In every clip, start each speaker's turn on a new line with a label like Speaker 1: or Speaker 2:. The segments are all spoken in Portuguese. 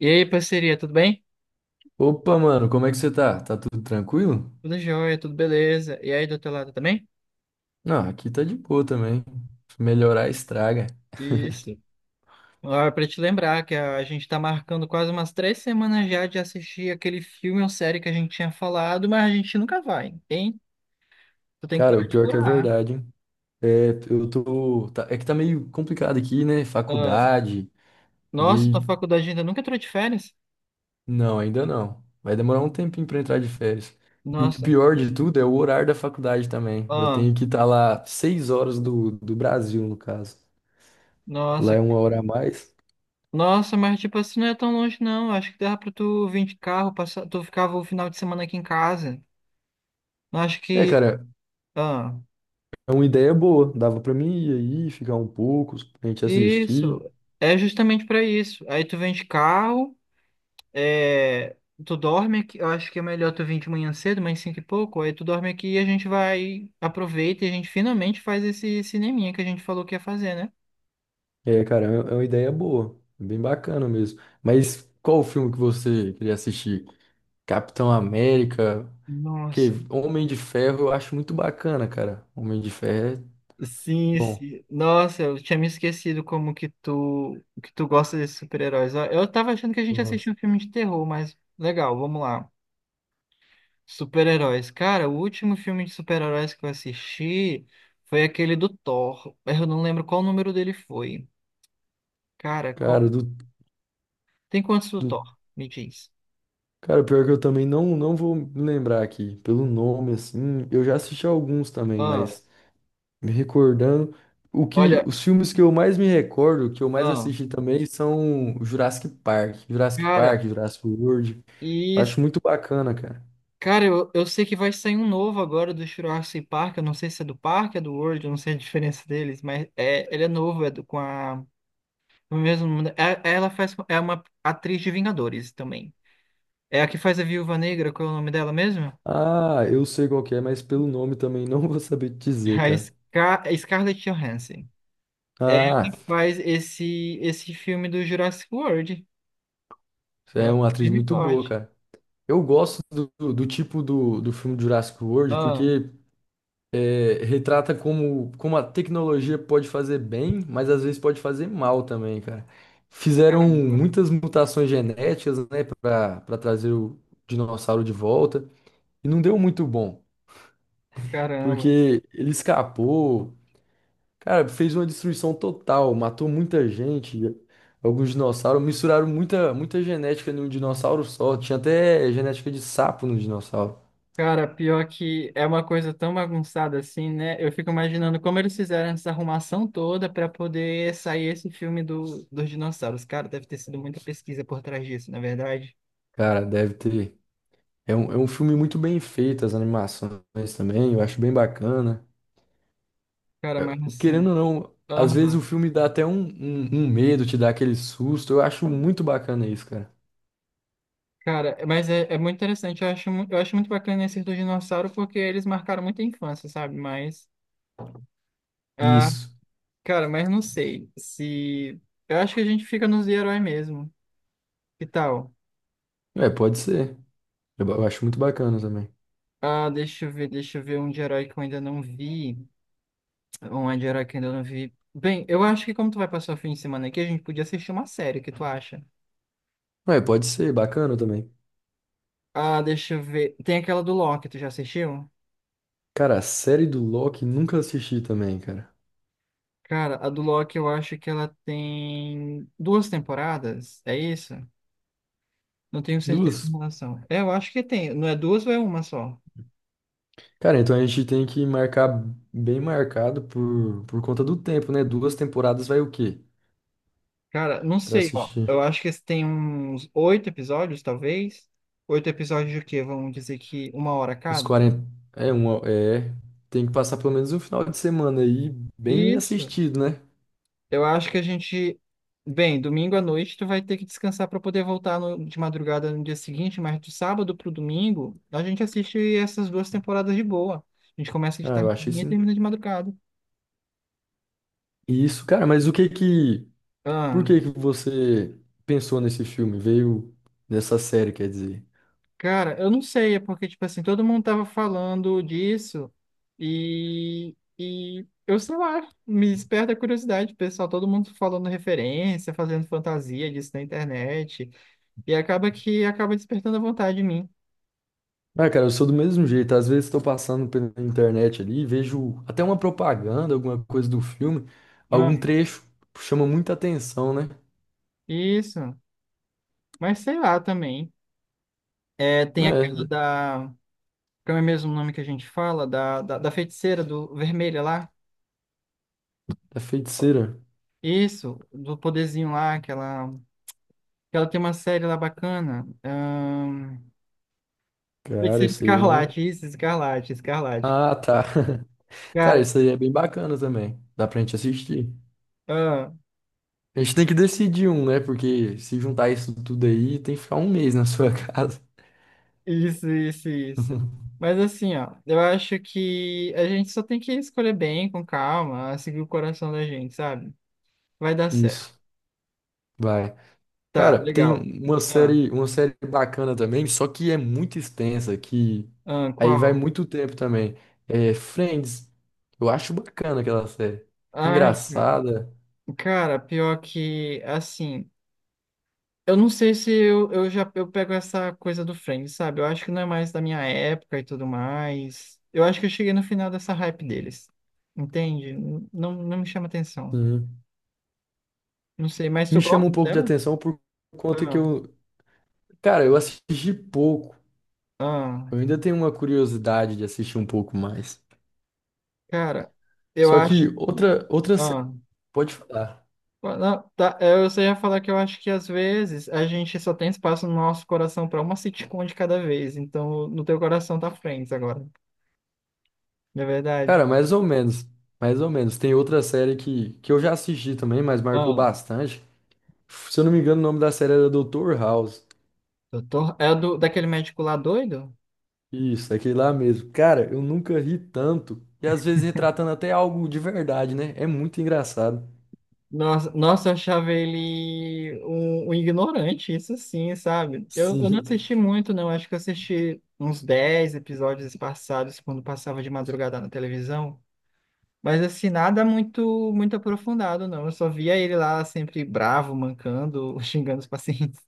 Speaker 1: E aí, parceria, tudo bem?
Speaker 2: Opa, mano, como é que você tá? Tá tudo tranquilo?
Speaker 1: Tudo jóia, tudo beleza. E aí, do teu lado também?
Speaker 2: Não, aqui tá de boa também. Se melhorar estraga.
Speaker 1: Isso. Agora, pra te lembrar que a gente tá marcando quase umas 3 semanas já de assistir aquele filme ou série que a gente tinha falado, mas a gente nunca vai, hein? Tu tem que
Speaker 2: Cara,
Speaker 1: parar
Speaker 2: o
Speaker 1: de
Speaker 2: pior que é
Speaker 1: furar.
Speaker 2: verdade, hein? É que tá meio complicado aqui, né?
Speaker 1: Ah,
Speaker 2: Faculdade. E
Speaker 1: nossa,
Speaker 2: daí.
Speaker 1: tua faculdade ainda nunca entrou de férias?
Speaker 2: Não, ainda não. Vai demorar um tempinho pra entrar de férias. E o
Speaker 1: Nossa,
Speaker 2: pior de tudo é o horário da faculdade também. Eu
Speaker 1: ah,
Speaker 2: tenho que estar lá seis horas do Brasil, no caso. Lá
Speaker 1: nossa,
Speaker 2: é
Speaker 1: cara.
Speaker 2: uma hora a mais.
Speaker 1: Nossa, mas tipo assim, não é tão longe não. Acho que dava pra tu vir de carro, passar, tu ficava o final de semana aqui em casa. Acho
Speaker 2: É,
Speaker 1: que.
Speaker 2: cara,
Speaker 1: Ah.
Speaker 2: é uma ideia boa. Dava pra mim ir aí, ficar um pouco, a gente assistir.
Speaker 1: Isso, é justamente para isso. Aí tu vem de carro, é, tu dorme aqui, eu acho que é melhor tu vir de manhã cedo, mais cinco e pouco, aí tu dorme aqui e a gente vai, aproveita e a gente finalmente faz esse cineminha que a gente falou que ia fazer, né?
Speaker 2: É, cara, é uma ideia boa, bem bacana mesmo. Mas qual o filme que você queria assistir? Capitão América, que
Speaker 1: Nossa,
Speaker 2: Homem de Ferro eu acho muito bacana, cara. Homem de Ferro é
Speaker 1: sim,
Speaker 2: bom,
Speaker 1: sim. Nossa, eu tinha me esquecido como que que tu gosta desses super-heróis. Ó, eu tava achando que a
Speaker 2: eu
Speaker 1: gente
Speaker 2: gosto.
Speaker 1: assistia um filme de terror, mas legal, vamos lá. Super-heróis. Cara, o último filme de super-heróis que eu assisti foi aquele do Thor. Eu não lembro qual número dele foi. Cara,
Speaker 2: Cara,
Speaker 1: qual...
Speaker 2: do,
Speaker 1: Tem quantos do
Speaker 2: do...
Speaker 1: Thor? Me diz.
Speaker 2: Cara, pior que eu também não vou me lembrar aqui, pelo nome, assim, eu já assisti alguns também,
Speaker 1: Ah,
Speaker 2: mas me recordando,
Speaker 1: olha.
Speaker 2: os filmes que eu mais me recordo, que eu mais
Speaker 1: Ah,
Speaker 2: assisti também, são Jurassic Park, Jurassic
Speaker 1: cara,
Speaker 2: Park, Jurassic World,
Speaker 1: e.
Speaker 2: eu
Speaker 1: isso-
Speaker 2: acho muito bacana, cara.
Speaker 1: Cara, eu sei que vai sair um novo agora do Jurassic Park. Eu não sei se é do parque, é do World, eu não sei a diferença deles, mas é, ele é novo, é do, com a. O mesmo, ela faz. É uma atriz de Vingadores também. É a que faz a Viúva Negra, qual é o nome dela mesmo?
Speaker 2: Ah, eu sei qual que é, mas pelo nome também não vou saber te dizer,
Speaker 1: A
Speaker 2: cara.
Speaker 1: Scarlett Johansson. Ela
Speaker 2: Ah,
Speaker 1: faz esse filme do Jurassic World. Ela
Speaker 2: é uma
Speaker 1: é
Speaker 2: atriz
Speaker 1: firme e
Speaker 2: muito boa,
Speaker 1: forte.
Speaker 2: cara. Eu gosto do tipo do filme Jurassic World
Speaker 1: Ah,
Speaker 2: porque é, retrata como, como a tecnologia pode fazer bem, mas às vezes pode fazer mal também, cara. Fizeram
Speaker 1: caramba,
Speaker 2: muitas mutações genéticas, né, para trazer o dinossauro de volta e não deu muito bom,
Speaker 1: caramba.
Speaker 2: porque ele escapou. Cara, fez uma destruição total, matou muita gente, alguns dinossauros, misturaram muita, muita genética num dinossauro só, tinha até genética de sapo no dinossauro.
Speaker 1: Cara, pior que é uma coisa tão bagunçada assim, né? Eu fico imaginando como eles fizeram essa arrumação toda para poder sair esse filme do, dos dinossauros. Cara, deve ter sido muita pesquisa por trás disso, na verdade.
Speaker 2: Cara, deve ter. É um filme muito bem feito, as animações também, eu acho bem bacana.
Speaker 1: Cara, mas
Speaker 2: Querendo
Speaker 1: assim.
Speaker 2: ou não, às vezes o
Speaker 1: Aham.
Speaker 2: filme dá até um medo, te dá aquele susto, eu acho muito bacana isso, cara.
Speaker 1: Cara, mas é muito interessante. Eu acho muito bacana esses do dinossauro porque eles marcaram muita infância, sabe? Mas. Ah,
Speaker 2: Isso.
Speaker 1: cara, mas não sei se. Eu acho que a gente fica nos de herói mesmo. Que tal?
Speaker 2: É, pode ser. Eu acho muito bacana também.
Speaker 1: Ah, deixa eu ver um de herói que eu ainda não vi. Um de herói que eu ainda não vi. Bem, eu acho que como tu vai passar o fim de semana aqui, a gente podia assistir uma série, o que tu acha?
Speaker 2: É, pode ser, bacana também.
Speaker 1: Ah, deixa eu ver. Tem aquela do Loki, tu já assistiu?
Speaker 2: Cara, a série do Loki nunca assisti também, cara.
Speaker 1: Cara, a do Loki eu acho que ela tem duas temporadas, é isso? Não tenho certeza em
Speaker 2: Duas.
Speaker 1: relação. É, eu acho que tem. Não é duas ou é uma só?
Speaker 2: Cara, então a gente tem que marcar bem marcado por conta do tempo, né? Duas temporadas vai o quê?
Speaker 1: Cara, não
Speaker 2: Pra
Speaker 1: sei, ó. Eu
Speaker 2: assistir
Speaker 1: acho que esse tem uns oito episódios, talvez. Oito episódios de quê? Vamos dizer que 1 hora
Speaker 2: os
Speaker 1: cada?
Speaker 2: 40. É, uma, é. Tem que passar pelo menos um final de semana aí bem
Speaker 1: Isso.
Speaker 2: assistido, né?
Speaker 1: Eu acho que a gente. Bem, domingo à noite tu vai ter que descansar para poder voltar de madrugada no dia seguinte, mas do sábado pro domingo a gente assiste essas duas temporadas de boa. A gente começa de
Speaker 2: Ah, eu achei
Speaker 1: tardezinha e
Speaker 2: sim.
Speaker 1: termina de madrugada.
Speaker 2: Isso, cara, mas o que que. Por
Speaker 1: Ah.
Speaker 2: que que você pensou nesse filme? Veio nessa série, quer dizer?
Speaker 1: Cara, eu não sei, é porque, tipo assim, todo mundo tava falando disso e eu sei lá, me desperta a curiosidade, pessoal, todo mundo falando referência, fazendo fantasia disso na internet e acaba que acaba despertando a vontade em mim.
Speaker 2: Ah, cara, eu sou do mesmo jeito. Às vezes estou passando pela internet ali, e vejo até uma propaganda, alguma coisa do filme,
Speaker 1: Ah,
Speaker 2: algum trecho chama muita atenção, né?
Speaker 1: isso. Mas sei lá também. É, tem
Speaker 2: É,
Speaker 1: aquela
Speaker 2: da
Speaker 1: da, como é mesmo o nome que a gente fala, da feiticeira do vermelha lá.
Speaker 2: feiticeira.
Speaker 1: Isso, do poderzinho lá, que ela tem uma série lá bacana.
Speaker 2: Cara,
Speaker 1: Feiticeiro
Speaker 2: isso aí eu não.
Speaker 1: Escarlate, isso, Escarlate, Escarlate.
Speaker 2: Ah, tá. Cara,
Speaker 1: Cara,
Speaker 2: isso aí é bem bacana também. Dá pra gente assistir.
Speaker 1: ah,
Speaker 2: A gente tem que decidir um, né? Porque se juntar isso tudo aí, tem que ficar um mês na sua casa.
Speaker 1: isso, isso, isso. Mas assim, ó, eu acho que a gente só tem que escolher bem, com calma, seguir o coração da gente, sabe? Vai dar certo.
Speaker 2: Isso. Vai.
Speaker 1: Tá,
Speaker 2: Cara, tem
Speaker 1: legal. Ah,
Speaker 2: uma série bacana também, só que é muito extensa, que
Speaker 1: ah,
Speaker 2: aí vai
Speaker 1: qual?
Speaker 2: muito tempo também. É Friends. Eu acho bacana aquela série.
Speaker 1: Ai, cara,
Speaker 2: Engraçada.
Speaker 1: Cara, pior que, assim, eu não sei se eu, eu já eu pego essa coisa do Friends, sabe? Eu acho que não é mais da minha época e tudo mais. Eu acho que eu cheguei no final dessa hype deles. Entende? Não, não me chama atenção.
Speaker 2: Sim.
Speaker 1: Não sei, mas tu
Speaker 2: Me chama
Speaker 1: gosta
Speaker 2: um pouco de
Speaker 1: dela?
Speaker 2: atenção por conta que
Speaker 1: Ah,
Speaker 2: eu, cara, eu assisti pouco.
Speaker 1: ah,
Speaker 2: Eu ainda tenho uma curiosidade de assistir um pouco mais.
Speaker 1: cara, eu
Speaker 2: Só
Speaker 1: acho.
Speaker 2: que outra série,
Speaker 1: Ah,
Speaker 2: pode falar.
Speaker 1: ah, não, tá, eu só ia falar que eu acho que às vezes a gente só tem espaço no nosso coração pra uma sitcom de cada vez. Então, no teu coração tá Friends agora. Não é verdade?
Speaker 2: Cara, mais ou menos. Mais ou menos. Tem outra série que eu já assisti também, mas marcou
Speaker 1: Ah,
Speaker 2: bastante. Se eu não me engano, o nome da série era Dr. House.
Speaker 1: doutor. É do, daquele médico lá doido?
Speaker 2: Isso, é aquele lá mesmo. Cara, eu nunca ri tanto. E às vezes retratando até algo de verdade, né? É muito engraçado.
Speaker 1: Nossa, nossa, eu achava ele um ignorante, isso sim, sabe? Eu não
Speaker 2: Sim.
Speaker 1: assisti muito, não. Acho que eu assisti uns 10 episódios passados, quando passava de madrugada na televisão. Mas assim, nada muito muito aprofundado, não. Eu só via ele lá sempre bravo, mancando, xingando os pacientes.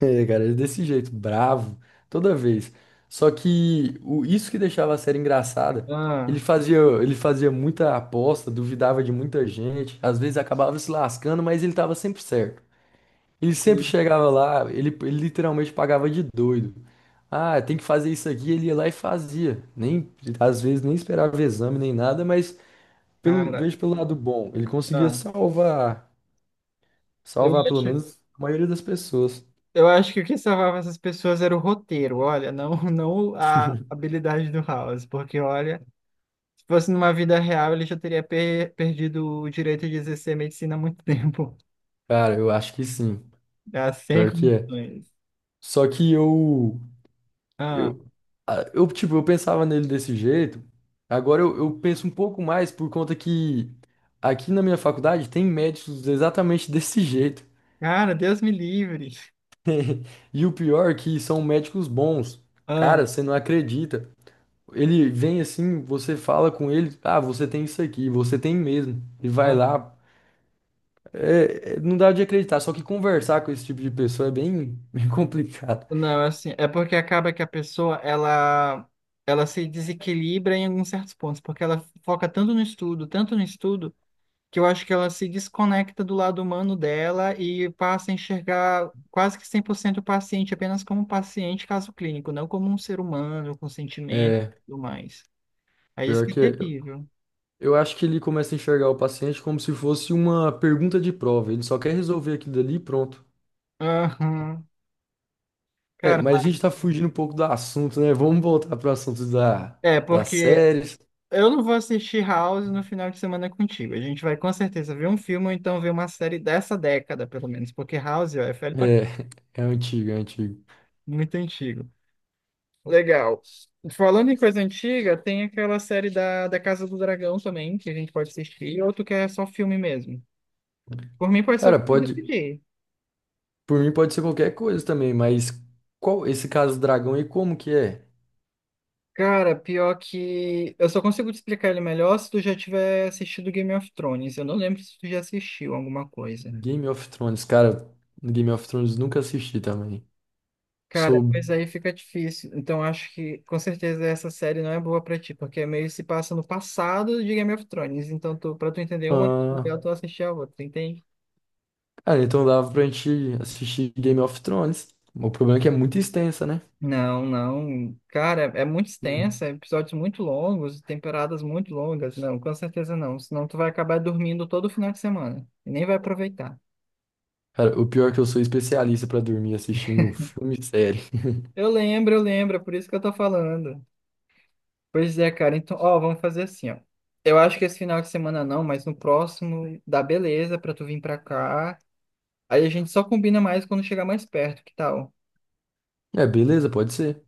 Speaker 2: É, cara, é desse jeito, bravo, toda vez. Isso que deixava a série engraçada,
Speaker 1: Ah,
Speaker 2: ele fazia muita aposta, duvidava de muita gente, às vezes acabava se lascando, mas ele tava sempre certo. Ele sempre
Speaker 1: e,
Speaker 2: chegava lá, ele literalmente pagava de doido. Ah, tem que fazer isso aqui, ele ia lá e fazia. Nem, às vezes nem esperava exame nem nada, mas pelo,
Speaker 1: cara,
Speaker 2: vejo pelo lado bom, ele conseguia
Speaker 1: ah,
Speaker 2: salvar,
Speaker 1: eu
Speaker 2: salvar pelo
Speaker 1: acho,
Speaker 2: menos a maioria das pessoas.
Speaker 1: eu acho que o que salvava essas pessoas era o roteiro, olha, não, não a habilidade do House, porque olha. Se fosse numa vida real, ele já teria perdido o direito de exercer medicina há muito tempo.
Speaker 2: Cara, eu acho que sim,
Speaker 1: Ah, sem
Speaker 2: pior que é.
Speaker 1: condições.
Speaker 2: Só que
Speaker 1: Ah,
Speaker 2: eu, ah, eu tipo, eu pensava nele desse jeito. Agora eu penso um pouco mais por conta que aqui na minha faculdade tem médicos exatamente desse jeito.
Speaker 1: cara, Deus me livre.
Speaker 2: E o pior é que são médicos bons.
Speaker 1: Ah,
Speaker 2: Cara, você não acredita. Ele vem assim, você fala com ele, ah, você tem isso aqui, você tem mesmo. E vai
Speaker 1: ah.
Speaker 2: lá. Não dá de acreditar, só que conversar com esse tipo de pessoa é bem, bem complicado.
Speaker 1: Não, é assim, é porque acaba que a pessoa, ela se desequilibra em alguns certos pontos, porque ela foca tanto no estudo, que eu acho que ela se desconecta do lado humano dela e passa a enxergar quase que 100% o paciente apenas como um paciente, caso clínico, não como um ser humano com sentimentos e
Speaker 2: É,
Speaker 1: tudo mais. Aí isso
Speaker 2: pior
Speaker 1: que é
Speaker 2: que eu
Speaker 1: terrível.
Speaker 2: eu acho que ele começa a enxergar o paciente como se fosse uma pergunta de prova. Ele só quer resolver aquilo dali e pronto.
Speaker 1: Aham.
Speaker 2: É,
Speaker 1: Cara,
Speaker 2: mas a gente tá fugindo um pouco do assunto, né? Vamos voltar pro assunto da,
Speaker 1: é
Speaker 2: das
Speaker 1: porque
Speaker 2: séries.
Speaker 1: eu não vou assistir House no final de semana contigo. A gente vai com certeza ver um filme ou então ver uma série dessa década, pelo menos, porque House ó, é
Speaker 2: É,
Speaker 1: velho pra...
Speaker 2: é antigo, é antigo.
Speaker 1: muito antigo. Legal. Falando em coisa antiga, tem aquela série da Casa do Dragão também, que a gente pode assistir, ou tu quer só filme mesmo? Por mim, pode ser o
Speaker 2: Cara,
Speaker 1: que tu
Speaker 2: pode,
Speaker 1: decidir.
Speaker 2: por mim pode ser qualquer coisa também, mas qual esse caso dragão e como que é?
Speaker 1: Cara, pior que. Eu só consigo te explicar ele melhor se tu já tiver assistido Game of Thrones. Eu não lembro se tu já assistiu alguma coisa.
Speaker 2: Game of Thrones, cara, Game of Thrones nunca assisti também. Sou,
Speaker 1: Cara, pois aí fica difícil. Então acho que com certeza essa série não é boa pra ti, porque meio se passa no passado de Game of Thrones. Então tu, para tu entender uma, é
Speaker 2: ah,
Speaker 1: legal tu assistir a outra, entende?
Speaker 2: cara, então dava pra gente assistir Game of Thrones. O problema é que é muito extensa, né?
Speaker 1: Não, não. Cara, é muito
Speaker 2: Sim.
Speaker 1: extensa, episódios muito longos, temporadas muito longas. Não, com certeza não. Senão tu vai acabar dormindo todo final de semana e nem vai aproveitar.
Speaker 2: Cara, o pior é que eu sou especialista pra dormir assistindo filme e série.
Speaker 1: Eu lembro, é por isso que eu tô falando. Pois é, cara. Então, ó, vamos fazer assim, ó. Eu acho que esse final de semana não, mas no próximo dá beleza pra tu vir pra cá. Aí a gente só combina mais quando chegar mais perto, que tal?
Speaker 2: É, beleza, pode ser.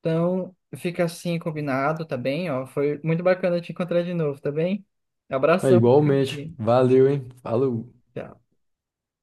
Speaker 1: Então, fica assim combinado, tá bem? Ó, foi muito bacana te encontrar de novo, tá bem?
Speaker 2: É
Speaker 1: Abração pra
Speaker 2: igualmente.
Speaker 1: ti.
Speaker 2: Valeu, hein? Falou.
Speaker 1: Tchau.